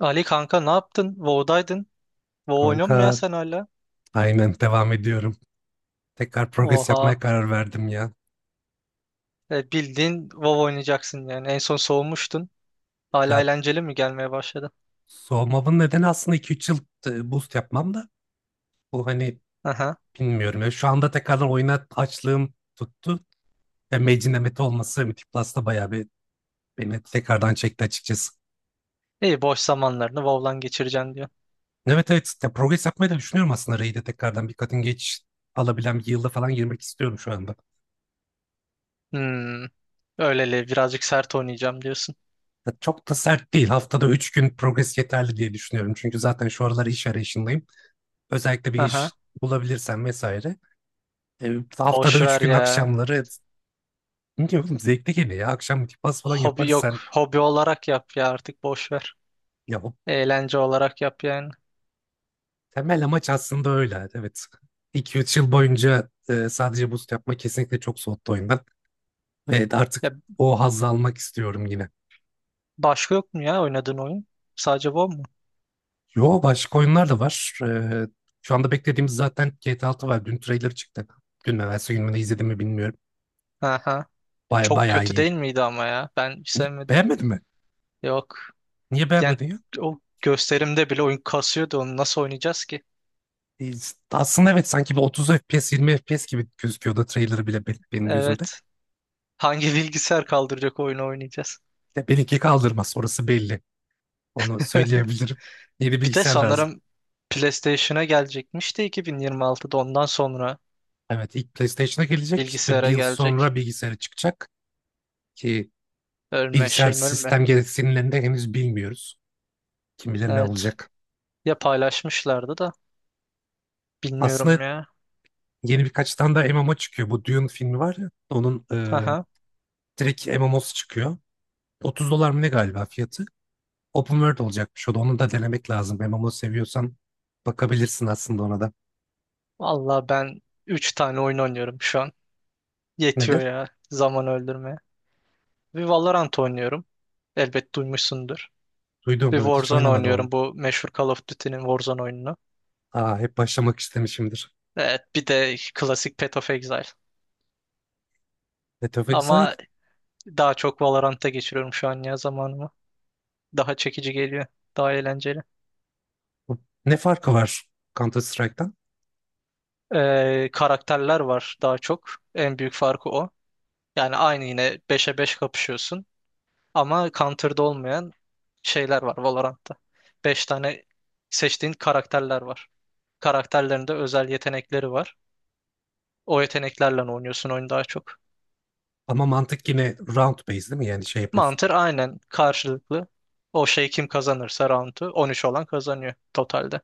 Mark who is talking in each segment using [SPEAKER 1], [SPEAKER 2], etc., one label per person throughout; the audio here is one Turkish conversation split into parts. [SPEAKER 1] Ali kanka ne yaptın? WoW'daydın. WoW oynuyor musun ya
[SPEAKER 2] Kanka
[SPEAKER 1] sen hala?
[SPEAKER 2] aynen devam ediyorum. Tekrar progres
[SPEAKER 1] Oha.
[SPEAKER 2] yapmaya karar verdim ya.
[SPEAKER 1] Bildiğin WoW oynayacaksın yani. En son soğumuştun. Hala
[SPEAKER 2] Ya,
[SPEAKER 1] eğlenceli mi gelmeye başladı?
[SPEAKER 2] soğumamın nedeni aslında iki üç yıl, boost yapmam da bu hani
[SPEAKER 1] Aha.
[SPEAKER 2] bilmiyorum. Ya, şu anda tekrardan oyuna açlığım tuttu. Ve Mage'in emeti olması Mythic Plus'ta bayağı bir beni tekrardan çekti açıkçası.
[SPEAKER 1] İyi, boş zamanlarını WoW'lan geçireceksin diyor.
[SPEAKER 2] Evet evet ya, progres yapmayı da düşünüyorum aslında. Raid'e tekrardan bir kadın geç alabilen bir yılda falan girmek istiyorum şu anda.
[SPEAKER 1] Hmm. Öyleli birazcık sert oynayacağım diyorsun.
[SPEAKER 2] Ya, çok da sert değil. Haftada 3 gün progres yeterli diye düşünüyorum. Çünkü zaten şu aralar iş arayışındayım. Özellikle bir
[SPEAKER 1] Aha.
[SPEAKER 2] iş bulabilirsen vesaire. E, Haftada
[SPEAKER 1] Boş
[SPEAKER 2] üç
[SPEAKER 1] ver
[SPEAKER 2] gün
[SPEAKER 1] ya.
[SPEAKER 2] akşamları ne diyor oğlum, zevkli geliyor ya. Akşam multipass falan
[SPEAKER 1] Hobi
[SPEAKER 2] yaparız
[SPEAKER 1] yok.
[SPEAKER 2] sen.
[SPEAKER 1] Hobi olarak yap ya, artık boş ver.
[SPEAKER 2] Ya, bu
[SPEAKER 1] Eğlence olarak yap yani.
[SPEAKER 2] temel amaç aslında öyle. Evet. iki üç yıl boyunca sadece boost yapma kesinlikle çok soğuttu oyundan. Evet, artık
[SPEAKER 1] Ya
[SPEAKER 2] o hazzı almak istiyorum yine.
[SPEAKER 1] başka yok mu ya oynadığın oyun? Sadece WoW mu?
[SPEAKER 2] Yo, başka oyunlar da var. Şu anda beklediğimiz zaten GTA 6 var. Dün trailer çıktı. Dün mü, evvelsi gün mü, ne izledim mi bilmiyorum.
[SPEAKER 1] Aha. Çok
[SPEAKER 2] Bayağı
[SPEAKER 1] kötü
[SPEAKER 2] iyi.
[SPEAKER 1] değil miydi ama ya? Ben hiç sevmedim.
[SPEAKER 2] Beğenmedin mi?
[SPEAKER 1] Yok.
[SPEAKER 2] Niye
[SPEAKER 1] Yani
[SPEAKER 2] beğenmedin?
[SPEAKER 1] o gösterimde bile oyun kasıyordu, onu nasıl oynayacağız ki?
[SPEAKER 2] E, Aslında evet, sanki bir 30 FPS, 20 FPS gibi gözüküyordu trailer'ı bile benim gözümde.
[SPEAKER 1] Evet. Hangi bilgisayar kaldıracak oyunu oynayacağız?
[SPEAKER 2] De benimki kaldırmaz, orası belli. Onu söyleyebilirim. Yeni
[SPEAKER 1] Bir de
[SPEAKER 2] bilgisayar lazım.
[SPEAKER 1] sanırım PlayStation'a gelecekmiş de 2026'da, ondan sonra
[SPEAKER 2] Evet, ilk PlayStation'a gelecek. İşte bir
[SPEAKER 1] bilgisayara
[SPEAKER 2] yıl
[SPEAKER 1] gelecek.
[SPEAKER 2] sonra bilgisayara çıkacak. Ki
[SPEAKER 1] Ölme
[SPEAKER 2] bilgisayar
[SPEAKER 1] şeyim ölme.
[SPEAKER 2] sistem gereksinimlerini de henüz bilmiyoruz. Kim bilir ne
[SPEAKER 1] Evet.
[SPEAKER 2] olacak.
[SPEAKER 1] Ya paylaşmışlardı da
[SPEAKER 2] Aslında
[SPEAKER 1] bilmiyorum ya.
[SPEAKER 2] yeni birkaç tane daha MMO çıkıyor. Bu Dune filmi var ya, onun
[SPEAKER 1] Aha.
[SPEAKER 2] direkt MMO'su çıkıyor. 30 dolar mı ne galiba fiyatı? Open World olacakmış o da. Onu da denemek lazım. MMO seviyorsan bakabilirsin aslında ona da.
[SPEAKER 1] Vallahi ben üç tane oyun oynuyorum şu an. Yetiyor
[SPEAKER 2] Nedir?
[SPEAKER 1] ya zaman öldürmeye. Bir Valorant oynuyorum. Elbet duymuşsundur. Bir
[SPEAKER 2] Duydum evet, hiç
[SPEAKER 1] Warzone
[SPEAKER 2] oynamadım ama.
[SPEAKER 1] oynuyorum, bu meşhur Call of Duty'nin Warzone oyununu.
[SPEAKER 2] Aa, hep başlamak istemişimdir.
[SPEAKER 1] Evet, bir de klasik Path of Exile.
[SPEAKER 2] Path of Exile.
[SPEAKER 1] Ama daha çok Valorant'ta geçiriyorum şu an ya zamanımı. Daha çekici geliyor. Daha eğlenceli.
[SPEAKER 2] Bu Ne farkı var Counter Strike'tan?
[SPEAKER 1] Karakterler var daha çok. En büyük farkı o. Yani aynı, yine beşe 5 kapışıyorsun. Ama Counter'da olmayan şeyler var Valorant'ta. 5 tane seçtiğin karakterler var. Karakterlerinde özel yetenekleri var. O yeteneklerle oynuyorsun oyunu daha çok.
[SPEAKER 2] Ama mantık yine round based değil mi? Yani şey yapıyorsun.
[SPEAKER 1] Mantar aynen karşılıklı. O şey, kim kazanırsa roundu 13 olan kazanıyor totalde.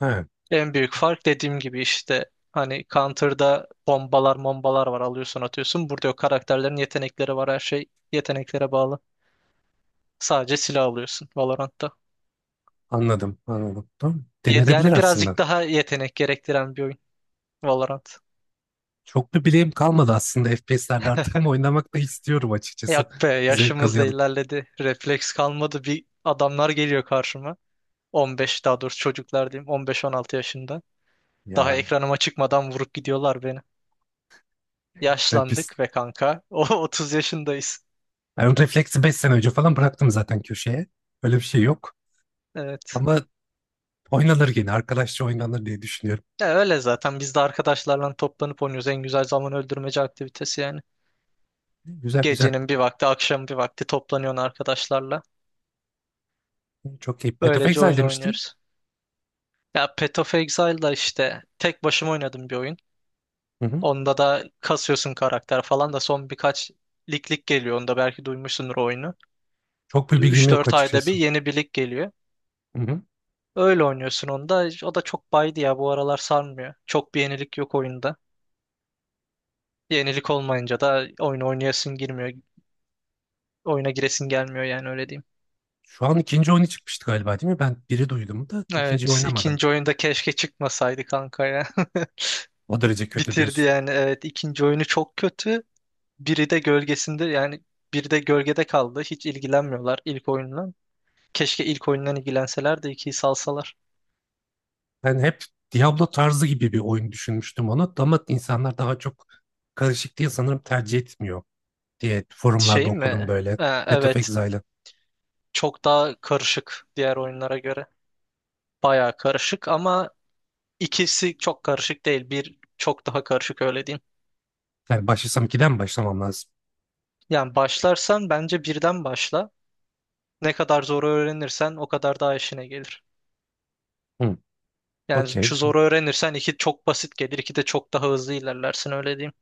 [SPEAKER 2] He.
[SPEAKER 1] En büyük fark dediğim gibi işte, hani Counter'da bombalar mombalar var, alıyorsun atıyorsun. Burada yok, karakterlerin yetenekleri var, her şey yeteneklere bağlı. Sadece silah alıyorsun Valorant'ta.
[SPEAKER 2] Anladım, anladım. Tamam. Denenebilir
[SPEAKER 1] Yani
[SPEAKER 2] aslında.
[SPEAKER 1] birazcık daha yetenek gerektiren bir oyun Valorant.
[SPEAKER 2] Çok bir bileğim kalmadı aslında FPS'lerde artık, ama oynamak da istiyorum açıkçası.
[SPEAKER 1] Yak be,
[SPEAKER 2] Zevk
[SPEAKER 1] yaşımız da
[SPEAKER 2] alıyorum.
[SPEAKER 1] ilerledi. Refleks kalmadı. Bir adamlar geliyor karşıma. 15, daha doğrusu çocuklar diyeyim, 15-16 yaşında. Daha
[SPEAKER 2] Ya,
[SPEAKER 1] ekranıma çıkmadan vurup gidiyorlar beni.
[SPEAKER 2] ben biz
[SPEAKER 1] Yaşlandık ve kanka. O 30 yaşındayız.
[SPEAKER 2] ben refleksi 5 sene önce falan bıraktım zaten köşeye. Öyle bir şey yok.
[SPEAKER 1] Evet.
[SPEAKER 2] Ama oynanır yine. Arkadaşça oynanır diye düşünüyorum.
[SPEAKER 1] Ya öyle zaten, biz de arkadaşlarla toplanıp oynuyoruz. En güzel zaman öldürmece aktivitesi yani.
[SPEAKER 2] Güzel güzel.
[SPEAKER 1] Gecenin bir vakti, akşam bir vakti toplanıyorsun arkadaşlarla.
[SPEAKER 2] Çok iyi. Path of
[SPEAKER 1] Böylece
[SPEAKER 2] Exile
[SPEAKER 1] oyun
[SPEAKER 2] demiştin.
[SPEAKER 1] oynuyoruz. Ya Path of Exile'da işte tek başıma oynadım bir oyun.
[SPEAKER 2] Hı hı.
[SPEAKER 1] Onda da kasıyorsun karakter falan, da son birkaç lig geliyor. Onda belki duymuşsundur oyunu.
[SPEAKER 2] Çok bir bilgim
[SPEAKER 1] Üç
[SPEAKER 2] yok
[SPEAKER 1] dört ayda bir
[SPEAKER 2] açıkçası.
[SPEAKER 1] yeni bir lig geliyor.
[SPEAKER 2] Hı hı.
[SPEAKER 1] Öyle oynuyorsun onda. O da çok baydı ya, bu aralar sarmıyor. Çok bir yenilik yok oyunda. Yenilik olmayınca da oyunu oynayasın girmiyor. Oyuna giresin gelmiyor yani, öyle diyeyim.
[SPEAKER 2] Şu an ikinci oyunu çıkmıştı galiba değil mi? Ben biri duydum da ikinciyi
[SPEAKER 1] Evet,
[SPEAKER 2] oynamadım.
[SPEAKER 1] ikinci oyunda keşke çıkmasaydı kanka ya.
[SPEAKER 2] O derece kötü
[SPEAKER 1] Bitirdi
[SPEAKER 2] diyorsun.
[SPEAKER 1] yani, evet ikinci oyunu çok kötü. Biri de gölgesinde yani, biri de gölgede kaldı. Hiç ilgilenmiyorlar ilk oyunla. Keşke ilk oyundan ilgilenseler de ikiyi salsalar.
[SPEAKER 2] Ben hep Diablo tarzı gibi bir oyun düşünmüştüm onu, ama insanlar daha çok karışık diye sanırım tercih etmiyor diye forumlarda
[SPEAKER 1] Şey
[SPEAKER 2] okudum
[SPEAKER 1] mi?
[SPEAKER 2] böyle. Path of
[SPEAKER 1] Evet,
[SPEAKER 2] Exile'ı.
[SPEAKER 1] çok daha karışık diğer oyunlara göre. Bayağı karışık ama İkisi çok karışık değil. Bir çok daha karışık, öyle diyeyim.
[SPEAKER 2] Yani başlasam 2'den mi başlamam lazım?
[SPEAKER 1] Yani başlarsan bence birden başla. Ne kadar zor öğrenirsen o kadar daha işine gelir.
[SPEAKER 2] Hı,
[SPEAKER 1] Yani
[SPEAKER 2] okey.
[SPEAKER 1] şu zoru öğrenirsen iki çok basit gelir. İki de çok daha hızlı ilerlersin, öyle diyeyim.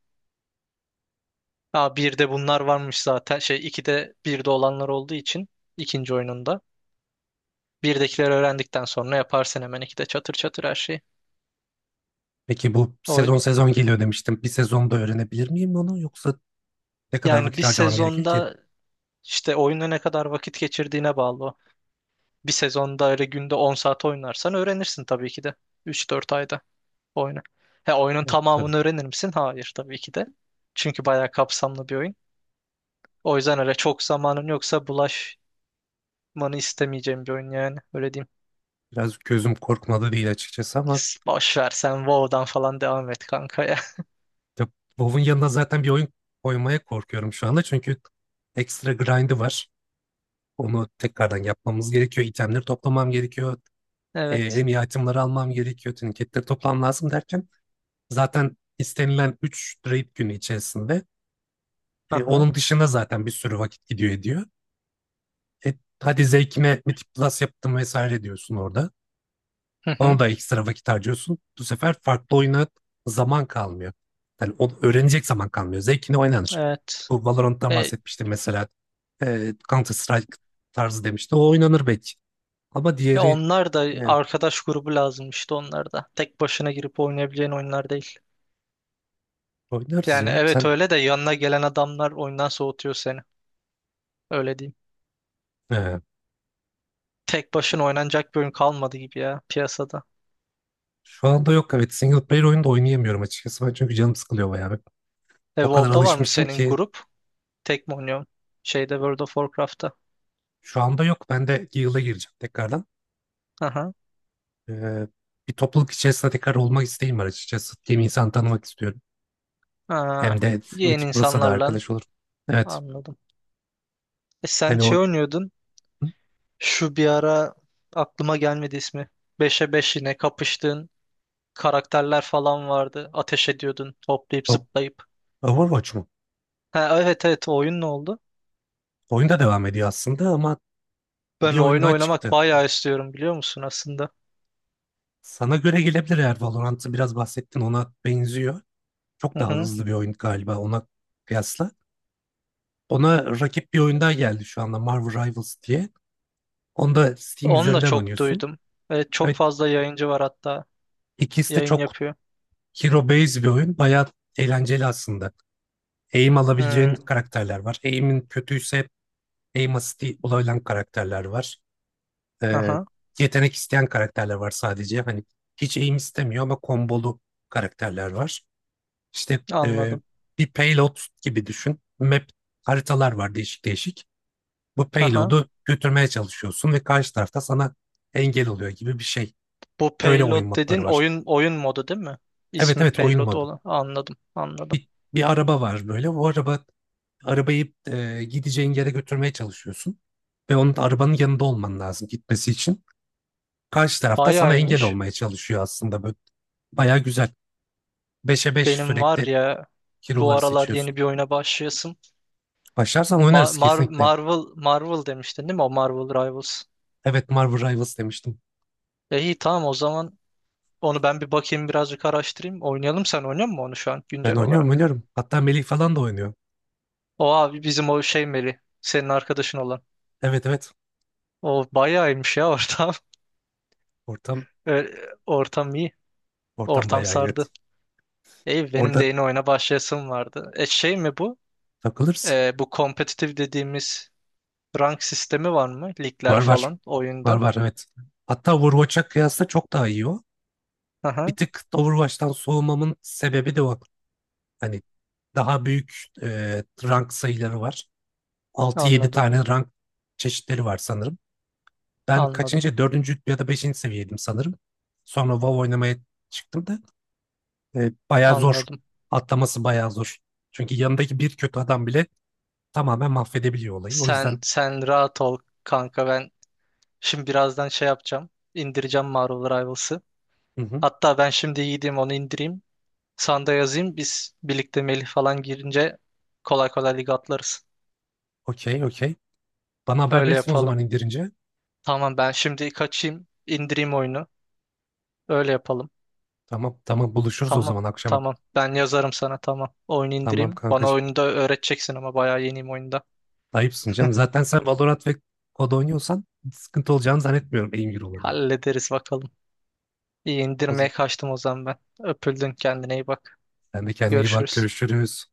[SPEAKER 1] Aa, bir de bunlar varmış zaten. Şey, iki de bir de olanlar olduğu için ikinci oyununda. Birdekileri öğrendikten sonra yaparsın hemen iki de çatır çatır her şeyi.
[SPEAKER 2] Peki bu
[SPEAKER 1] O,
[SPEAKER 2] sezon sezon geliyor demiştim. Bir sezonda öğrenebilir miyim onu, yoksa ne kadar
[SPEAKER 1] yani bir
[SPEAKER 2] vakit harcamam gerekir ki?
[SPEAKER 1] sezonda işte oyuna ne kadar vakit geçirdiğine bağlı o. Bir sezonda öyle günde 10 saat oynarsan öğrenirsin tabii ki de. Üç dört ayda oyunu. He, oyunun
[SPEAKER 2] Evet, tabii.
[SPEAKER 1] tamamını öğrenir misin? Hayır, tabii ki de. Çünkü bayağı kapsamlı bir oyun. O yüzden öyle çok zamanın yoksa bulaşmanı istemeyeceğim bir oyun yani. Öyle diyeyim.
[SPEAKER 2] Biraz gözüm korkmadı değil açıkçası ama,
[SPEAKER 1] Boş ver sen WoW'dan falan devam et kanka ya.
[SPEAKER 2] ya, WoW'un yanına zaten bir oyun koymaya korkuyorum şu anda çünkü ekstra grind'i var. Onu tekrardan yapmamız gerekiyor. İtemleri toplamam gerekiyor.
[SPEAKER 1] Evet.
[SPEAKER 2] En iyi itemleri almam gerekiyor. Tüniketleri toplam lazım derken zaten istenilen 3 raid günü içerisinde,
[SPEAKER 1] Aha.
[SPEAKER 2] onun dışında zaten bir sürü vakit gidiyor ediyor. E, Hadi zevkime Mythic Plus yaptım vesaire diyorsun orada.
[SPEAKER 1] Hı
[SPEAKER 2] Ona
[SPEAKER 1] hı.
[SPEAKER 2] da ekstra vakit harcıyorsun. Bu sefer farklı oyuna zaman kalmıyor. Yani onu öğrenecek zaman kalmıyor. Zevkine oynanır.
[SPEAKER 1] Evet.
[SPEAKER 2] Bu Valorant'tan
[SPEAKER 1] E,
[SPEAKER 2] bahsetmiştim mesela. Counter Strike tarzı demişti. O oynanır belki. Ama
[SPEAKER 1] ya
[SPEAKER 2] diğeri,
[SPEAKER 1] onlar da
[SPEAKER 2] yani
[SPEAKER 1] arkadaş grubu lazım işte, onlar da. Tek başına girip oynayabileceğin oyunlar değil.
[SPEAKER 2] oynarız
[SPEAKER 1] Yani
[SPEAKER 2] ya.
[SPEAKER 1] evet,
[SPEAKER 2] Sen...
[SPEAKER 1] öyle de yanına gelen adamlar oyundan soğutuyor seni. Öyle diyeyim.
[SPEAKER 2] e,
[SPEAKER 1] Tek başına oynanacak bir oyun kalmadı gibi ya piyasada.
[SPEAKER 2] şu anda yok. Evet, single player oyunu da oynayamıyorum açıkçası. Ben çünkü canım sıkılıyor bayağı. Ben
[SPEAKER 1] E,
[SPEAKER 2] o kadar
[SPEAKER 1] WoW'da var mı
[SPEAKER 2] alışmışım
[SPEAKER 1] senin
[SPEAKER 2] ki
[SPEAKER 1] grup? Tek mi oynuyorsun? Şeyde, World of Warcraft'ta.
[SPEAKER 2] şu anda yok. Ben de yıla gireceğim tekrardan.
[SPEAKER 1] Aha.
[SPEAKER 2] E, Bir topluluk içerisinde tekrar olmak isteğim var açıkçası. Hem insan tanımak istiyorum.
[SPEAKER 1] Aa,
[SPEAKER 2] Hem de
[SPEAKER 1] yeni
[SPEAKER 2] Mythic Plus'a da
[SPEAKER 1] insanlarla
[SPEAKER 2] arkadaş olur. Evet.
[SPEAKER 1] anladım. E, sen
[SPEAKER 2] Hani
[SPEAKER 1] şey
[SPEAKER 2] o...
[SPEAKER 1] oynuyordun.
[SPEAKER 2] Hı?
[SPEAKER 1] Şu bir ara aklıma gelmedi ismi. Beşe 5 yine kapıştığın karakterler falan vardı. Ateş ediyordun hoplayıp
[SPEAKER 2] O-
[SPEAKER 1] zıplayıp.
[SPEAKER 2] Overwatch mu?
[SPEAKER 1] Ha, evet evet, o oyun ne oldu?
[SPEAKER 2] Oyunda devam ediyor aslında, ama... Bir
[SPEAKER 1] Ben o
[SPEAKER 2] oyun
[SPEAKER 1] oyunu
[SPEAKER 2] daha
[SPEAKER 1] oynamak
[SPEAKER 2] çıktı.
[SPEAKER 1] bayağı istiyorum biliyor musun aslında?
[SPEAKER 2] Sana göre gelebilir, eğer Valorant'ı biraz bahsettin ona benziyor. Çok
[SPEAKER 1] Hı
[SPEAKER 2] daha
[SPEAKER 1] hı.
[SPEAKER 2] hızlı bir oyun galiba ona kıyasla. Ona rakip bir oyun daha geldi şu anda, Marvel Rivals diye. Onu da Steam
[SPEAKER 1] Onu da
[SPEAKER 2] üzerinden
[SPEAKER 1] çok
[SPEAKER 2] oynuyorsun.
[SPEAKER 1] duydum. Evet, çok
[SPEAKER 2] Evet,
[SPEAKER 1] fazla yayıncı var hatta.
[SPEAKER 2] ikisi de
[SPEAKER 1] Yayın
[SPEAKER 2] çok
[SPEAKER 1] yapıyor.
[SPEAKER 2] hero based bir oyun. Bayağı eğlenceli aslında. Aim alabileceğin
[SPEAKER 1] Hmm.
[SPEAKER 2] karakterler var. Aim'in kötüyse aim assist'i olabilen karakterler var. Ee,
[SPEAKER 1] Aha,
[SPEAKER 2] Yetenek isteyen karakterler var sadece. Hani hiç aim istemiyor ama kombolu karakterler var. İşte
[SPEAKER 1] anladım.
[SPEAKER 2] bir payload gibi düşün. Haritalar var değişik değişik. Bu
[SPEAKER 1] Aha.
[SPEAKER 2] payload'u götürmeye çalışıyorsun ve karşı tarafta sana engel oluyor gibi bir şey.
[SPEAKER 1] Bu
[SPEAKER 2] Öyle
[SPEAKER 1] payload
[SPEAKER 2] oyun modları
[SPEAKER 1] dedin,
[SPEAKER 2] var.
[SPEAKER 1] oyun modu değil mi?
[SPEAKER 2] Evet
[SPEAKER 1] İsmi
[SPEAKER 2] evet, oyun
[SPEAKER 1] payload
[SPEAKER 2] modu.
[SPEAKER 1] olan. Anladım, anladım.
[SPEAKER 2] Bir, bir araba var böyle. O araba Arabayı gideceğin yere götürmeye çalışıyorsun. Ve onun, arabanın yanında olman lazım gitmesi için. Karşı tarafta sana
[SPEAKER 1] Bayağı
[SPEAKER 2] engel
[SPEAKER 1] iyiymiş.
[SPEAKER 2] olmaya çalışıyor aslında. Böyle bayağı güzel. Beşe 5
[SPEAKER 1] Benim var
[SPEAKER 2] sürekli
[SPEAKER 1] ya bu
[SPEAKER 2] hero'ları
[SPEAKER 1] aralar yeni
[SPEAKER 2] seçiyorsun.
[SPEAKER 1] bir oyuna başlayasım.
[SPEAKER 2] Başlarsan oynarız kesinlikle.
[SPEAKER 1] Marvel, Marvel demiştin değil mi? O Marvel Rivals.
[SPEAKER 2] Evet, Marvel Rivals demiştim.
[SPEAKER 1] E iyi, tamam o zaman onu ben bir bakayım, birazcık araştırayım. Oynayalım, sen oynuyor musun onu şu an
[SPEAKER 2] Ben
[SPEAKER 1] güncel
[SPEAKER 2] oynuyorum
[SPEAKER 1] olarak?
[SPEAKER 2] oynuyorum. Hatta Melih falan da oynuyor.
[SPEAKER 1] O abi bizim, o şey Meli. Senin arkadaşın olan.
[SPEAKER 2] Evet evet.
[SPEAKER 1] O bayağı iyiymiş ya ortam.
[SPEAKER 2] Ortam
[SPEAKER 1] Ortam iyi.
[SPEAKER 2] ortam
[SPEAKER 1] Ortam
[SPEAKER 2] bayağı iyi.
[SPEAKER 1] sardı.
[SPEAKER 2] Evet.
[SPEAKER 1] İyi, benim de
[SPEAKER 2] Orada
[SPEAKER 1] yeni oyuna başlayasım vardı. E şey mi bu?
[SPEAKER 2] takılırsın.
[SPEAKER 1] E, bu kompetitif dediğimiz rank sistemi var mı? Ligler
[SPEAKER 2] Var var.
[SPEAKER 1] falan
[SPEAKER 2] Var
[SPEAKER 1] oyunda.
[SPEAKER 2] var, evet. Hatta Overwatch'a kıyasla çok daha iyi o. Bir
[SPEAKER 1] Aha,
[SPEAKER 2] tık da Overwatch'tan soğumamın sebebi de o. Hani daha büyük, rank sayıları var. Altı, yedi
[SPEAKER 1] anladım.
[SPEAKER 2] tane rank çeşitleri var sanırım. Ben
[SPEAKER 1] Anladım.
[SPEAKER 2] kaçıncı? Dördüncü ya da beşinci seviyeydim sanırım. Sonra WoW oynamaya çıktım da... Bayağı zor.
[SPEAKER 1] Anladım.
[SPEAKER 2] Atlaması bayağı zor. Çünkü yanındaki bir kötü adam bile tamamen mahvedebiliyor olayı. O
[SPEAKER 1] Sen
[SPEAKER 2] yüzden...
[SPEAKER 1] sen rahat ol kanka, ben şimdi birazdan şey yapacağım. İndireceğim Marvel Rivals'ı.
[SPEAKER 2] Hı hı,
[SPEAKER 1] Hatta ben şimdi gideyim onu indireyim. Sanda yazayım, biz birlikte Melih falan girince kolay kolay lig atlarız.
[SPEAKER 2] okey okey. Bana haber
[SPEAKER 1] Öyle
[SPEAKER 2] verirsin o
[SPEAKER 1] yapalım.
[SPEAKER 2] zaman indirince.
[SPEAKER 1] Tamam, ben şimdi kaçayım indireyim oyunu. Öyle yapalım.
[SPEAKER 2] Tamam tamam, buluşuruz o
[SPEAKER 1] Tamam.
[SPEAKER 2] zaman akşama.
[SPEAKER 1] Tamam. Ben yazarım sana, tamam. Oyun
[SPEAKER 2] Tamam
[SPEAKER 1] indireyim. Bana
[SPEAKER 2] kankacığım.
[SPEAKER 1] oyunu da öğreteceksin ama, bayağı yeniyim oyunda.
[SPEAKER 2] Ayıpsın canım. Zaten sen Valorant ve COD oynuyorsan sıkıntı olacağını zannetmiyorum aim eurolarında.
[SPEAKER 1] Hallederiz bakalım. İyi,
[SPEAKER 2] O
[SPEAKER 1] indirmeye
[SPEAKER 2] zaman
[SPEAKER 1] kaçtım o zaman ben. Öpüldün, kendine iyi bak.
[SPEAKER 2] sen de kendine iyi bak.
[SPEAKER 1] Görüşürüz.
[SPEAKER 2] Görüşürüz.